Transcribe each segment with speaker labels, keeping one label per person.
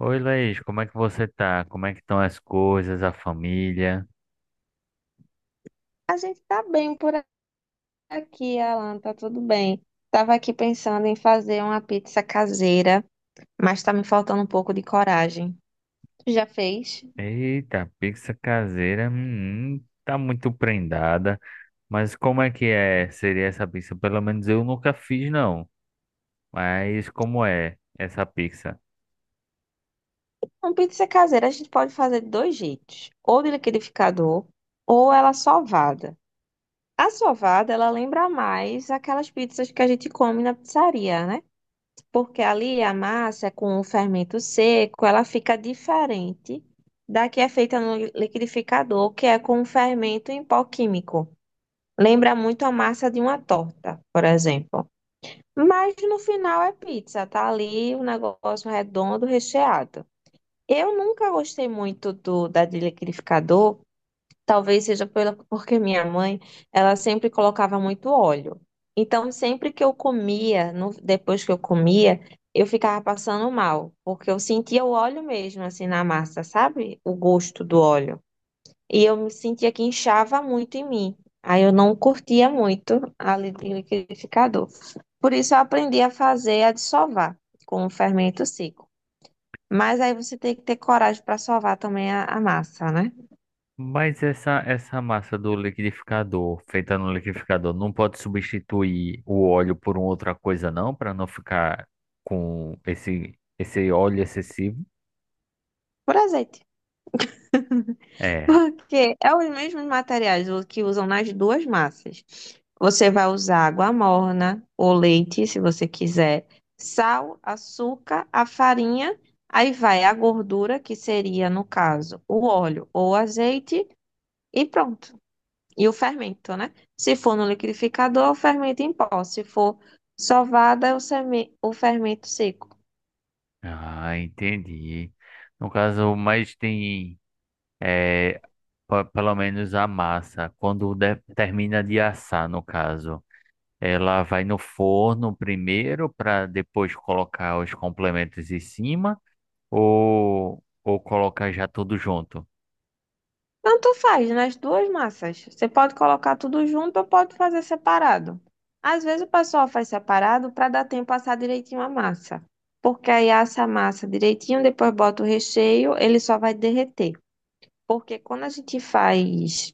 Speaker 1: Oi, Laís, como é que você tá? Como é que estão as coisas, a família?
Speaker 2: A gente tá bem por aqui, Alan, tá tudo bem. Tava aqui pensando em fazer uma pizza caseira, mas tá me faltando um pouco de coragem. Tu já fez?
Speaker 1: Eita, pizza caseira, tá muito prendada. Mas como é que é? Seria essa pizza? Pelo menos eu nunca fiz, não. Mas como é essa pizza?
Speaker 2: Uma pizza caseira a gente pode fazer de dois jeitos, ou de liquidificador, ou ela sovada. A sovada, ela lembra mais aquelas pizzas que a gente come na pizzaria, né? Porque ali a massa é com o fermento seco, ela fica diferente da que é feita no liquidificador, que é com fermento em pó químico. Lembra muito a massa de uma torta, por exemplo. Mas no final é pizza, tá ali o negócio redondo, recheado. Eu nunca gostei muito do da de liquidificador, porque minha mãe, ela sempre colocava muito óleo. Então, sempre que eu comia, depois que eu comia, eu ficava passando mal, porque eu sentia o óleo mesmo, assim, na massa, sabe? O gosto do óleo. E eu me sentia que inchava muito em mim. Aí eu não curtia muito a liquidificador. Por isso eu aprendi a fazer a de com o fermento seco. Mas aí você tem que ter coragem para sovar também a massa, né?
Speaker 1: Mas essa massa do liquidificador, feita no liquidificador, não pode substituir o óleo por uma outra coisa, não? Para não ficar com esse óleo excessivo?
Speaker 2: Por azeite.
Speaker 1: É.
Speaker 2: Porque é os mesmos materiais o que usam nas duas massas. Você vai usar água morna ou leite, se você quiser, sal, açúcar, a farinha, aí vai a gordura, que seria, no caso, o óleo ou o azeite, e pronto. E o fermento, né? Se for no liquidificador, o fermento em pó. Se for sovada, é o fermento seco.
Speaker 1: Ah, entendi. No caso, mas tem, é, pelo menos a massa, quando termina de assar, no caso, ela vai no forno primeiro para depois colocar os complementos em cima ou colocar já tudo junto?
Speaker 2: Tanto faz nas duas massas. Você pode colocar tudo junto ou pode fazer separado. Às vezes o pessoal faz separado para dar tempo a assar direitinho a massa. Porque aí assa a massa direitinho, depois bota o recheio, ele só vai derreter. Porque quando a gente faz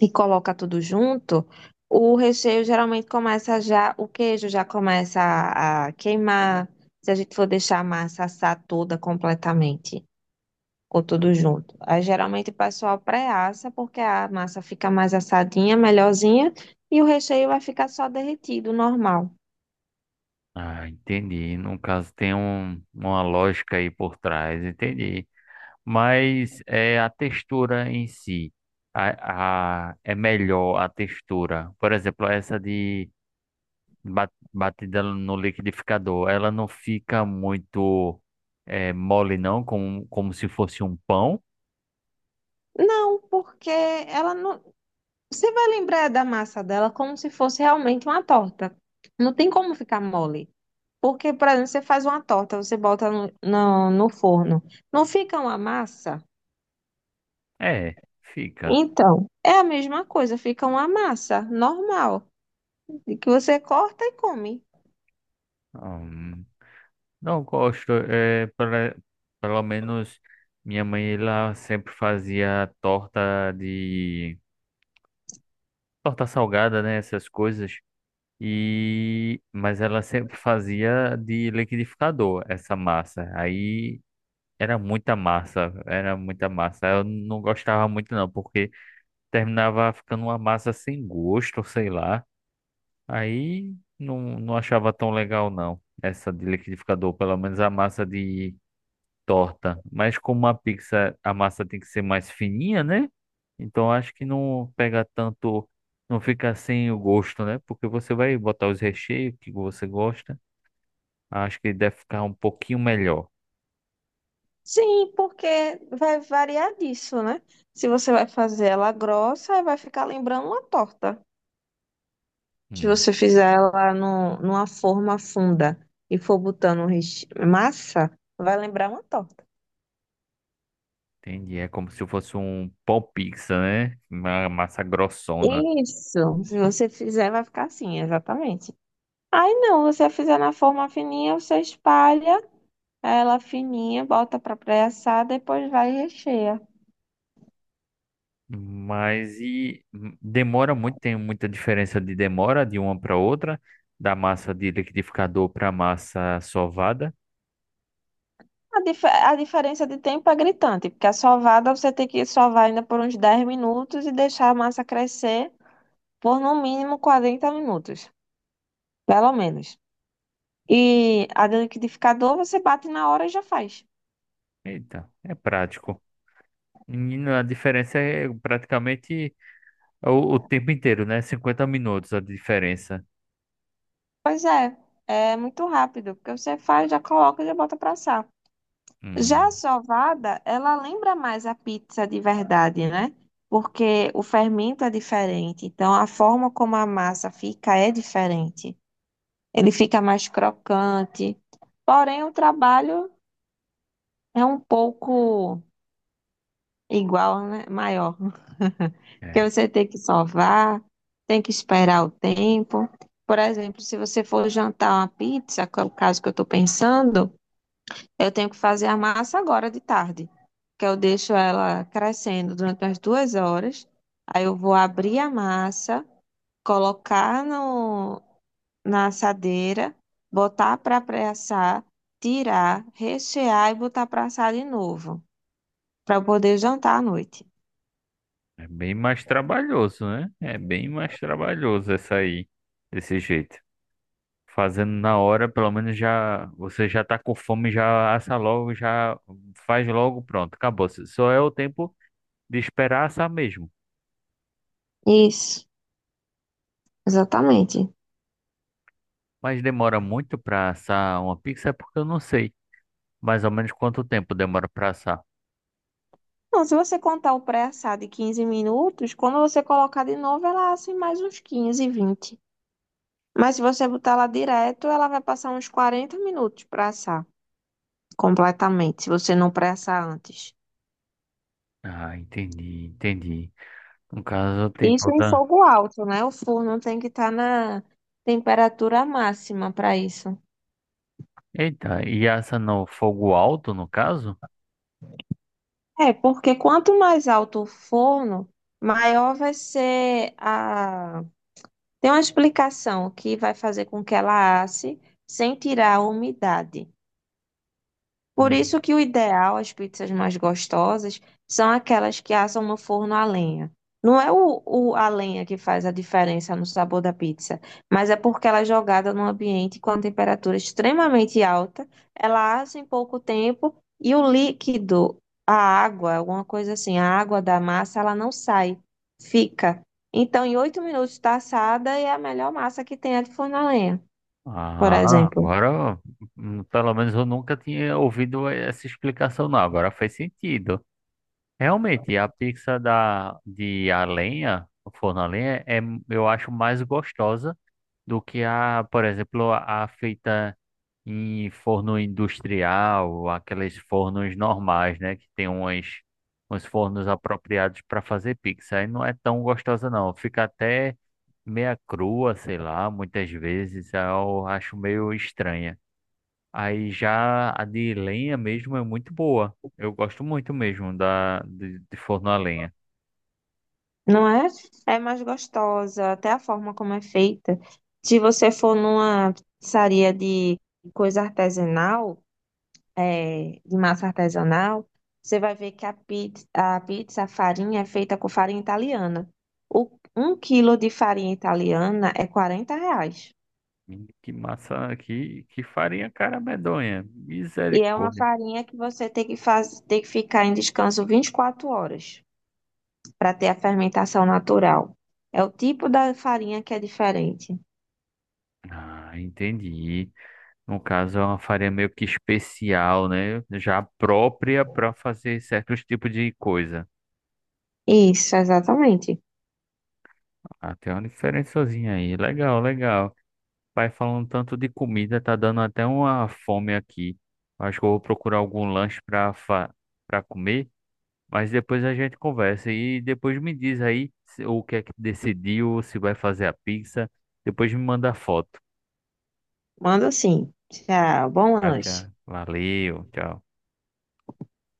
Speaker 2: e coloca tudo junto, o recheio geralmente começa já, o queijo já começa a queimar, se a gente for deixar a massa assar toda completamente, ou tudo junto. Aí geralmente o pessoal pré-assa, porque a massa fica mais assadinha, melhorzinha, e o recheio vai ficar só derretido, normal.
Speaker 1: Ah, entendi. No caso, tem uma lógica aí por trás, entendi. Mas é a textura em si. É melhor a textura. Por exemplo, essa de batida no liquidificador, ela não fica muito mole, não, como se fosse um pão.
Speaker 2: Não, porque ela não. Você vai lembrar da massa dela como se fosse realmente uma torta. Não tem como ficar mole. Porque, por exemplo, você faz uma torta, você bota no forno, não fica uma massa?
Speaker 1: É, fica.
Speaker 2: Então, é a mesma coisa, fica uma massa normal, de que você corta e come.
Speaker 1: Hum, não gosto. É, pelo menos minha mãe ela sempre fazia torta de. Torta salgada, né? Essas coisas. E mas ela sempre fazia de liquidificador essa massa. Aí era muita massa. Eu não gostava muito não, porque terminava ficando uma massa sem gosto, sei lá. Aí não achava tão legal não, essa de liquidificador, pelo menos a massa de torta. Mas como uma pizza, a massa tem que ser mais fininha, né? Então acho que não pega tanto, não fica sem o gosto, né? Porque você vai botar os recheios que você gosta. Acho que deve ficar um pouquinho melhor.
Speaker 2: Sim, porque vai variar disso, né? Se você vai fazer ela grossa, vai ficar lembrando uma torta. Se
Speaker 1: Hum,
Speaker 2: você fizer ela no, numa forma funda e for botando massa, vai lembrar uma torta.
Speaker 1: entendi. É como se fosse um pão pizza, né? Uma massa grossona.
Speaker 2: Isso, se você fizer, vai ficar assim, exatamente. Aí não, você fizer na forma fininha, você espalha ela fininha, bota pra pré-assar, depois vai e recheia.
Speaker 1: Mas e demora muito, tem muita diferença de demora de uma para outra, da massa de liquidificador para massa sovada.
Speaker 2: A diferença de tempo é gritante, porque a sovada você tem que sovar ainda por uns 10 minutos e deixar a massa crescer por no mínimo 40 minutos, pelo menos. E a do liquidificador você bate na hora e já faz.
Speaker 1: Eita, é prático. Menino, a diferença é praticamente o tempo inteiro, né? 50 minutos a diferença.
Speaker 2: Pois é, é muito rápido, porque você faz, já coloca e já bota pra assar. Já a
Speaker 1: Hum,
Speaker 2: sovada, ela lembra mais a pizza de verdade, né? Porque o fermento é diferente, então a forma como a massa fica é diferente. Ele fica mais crocante, porém o trabalho é um pouco igual, né? Maior, porque
Speaker 1: é,
Speaker 2: você tem que sovar, tem que esperar o tempo. Por exemplo, se você for jantar uma pizza, que é o caso que eu estou pensando, eu tenho que fazer a massa agora de tarde, que eu deixo ela crescendo durante umas 2 horas. Aí eu vou abrir a massa, colocar no, na assadeira, botar para pré-assar, tirar, rechear e botar para assar de novo, para eu poder jantar à noite.
Speaker 1: é bem mais trabalhoso, né? É bem mais trabalhoso essa aí, desse jeito. Fazendo na hora, pelo menos já você já tá com fome, já assa logo, já faz logo, pronto, acabou. Se Só é o tempo de esperar assar mesmo.
Speaker 2: Isso, exatamente.
Speaker 1: Mas demora muito para assar uma pizza, é porque eu não sei mais ou menos quanto tempo demora para assar.
Speaker 2: Não, se você contar o pré-assar de 15 minutos, quando você colocar de novo, ela assa em mais uns 15, 20. Mas se você botar ela direto, ela vai passar uns 40 minutos para assar completamente, se você não pré-assar antes.
Speaker 1: Ah, entendi. No caso, tem
Speaker 2: Isso em
Speaker 1: toda.
Speaker 2: fogo alto, né? O forno tem que estar na temperatura máxima para isso.
Speaker 1: Eita, e essa no fogo alto, no caso?
Speaker 2: É, porque quanto mais alto o forno, maior vai ser a. Tem uma explicação que vai fazer com que ela asse sem tirar a umidade. Por
Speaker 1: Hum.
Speaker 2: isso que o ideal, as pizzas mais gostosas, são aquelas que assam no forno a lenha. Não é a lenha que faz a diferença no sabor da pizza, mas é porque ela é jogada num ambiente com a temperatura extremamente alta, ela assa em pouco tempo e o líquido, a água, alguma coisa assim, a água da massa, ela não sai, fica. Então, em 8 minutos está assada e é a melhor massa que tem a de forno a lenha, por
Speaker 1: Ah,
Speaker 2: exemplo.
Speaker 1: agora, pelo menos eu nunca tinha ouvido essa explicação, não. Agora faz sentido. Realmente, a pizza de a lenha, o forno a lenha, é, eu acho mais gostosa do que a, por exemplo, a feita em forno industrial, aqueles fornos normais, né? Que tem uns fornos apropriados para fazer pizza. Aí não é tão gostosa, não. Fica até meia crua, sei lá, muitas vezes. Aí eu acho meio estranha. Aí já a de lenha mesmo é muito boa. Eu gosto muito mesmo de forno a lenha.
Speaker 2: Não é? É mais gostosa, até a forma como é feita. Se você for numa pizzaria de coisa artesanal, é, de massa artesanal, você vai ver que a pizza, a farinha é feita com farinha italiana. O, Um quilo de farinha italiana é R$ 40.
Speaker 1: Que massa, que farinha cara medonha.
Speaker 2: E é uma
Speaker 1: Misericórdia.
Speaker 2: farinha que você tem que tem que ficar em descanso 24 horas para ter a fermentação natural. É o tipo da farinha que é diferente.
Speaker 1: Ah, entendi. No caso, é uma farinha meio que especial, né? Já própria para fazer certos tipos de coisa.
Speaker 2: Isso, exatamente.
Speaker 1: Até uma diferençazinha aí. Legal, legal. Vai falando tanto de comida, tá dando até uma fome aqui. Acho que eu vou procurar algum lanche para comer, mas depois a gente conversa e depois me diz aí o que é que decidiu, se vai fazer a pizza. Depois me manda foto.
Speaker 2: Manda sim. Tchau, bom
Speaker 1: Tchau.
Speaker 2: lanche.
Speaker 1: Valeu, tchau.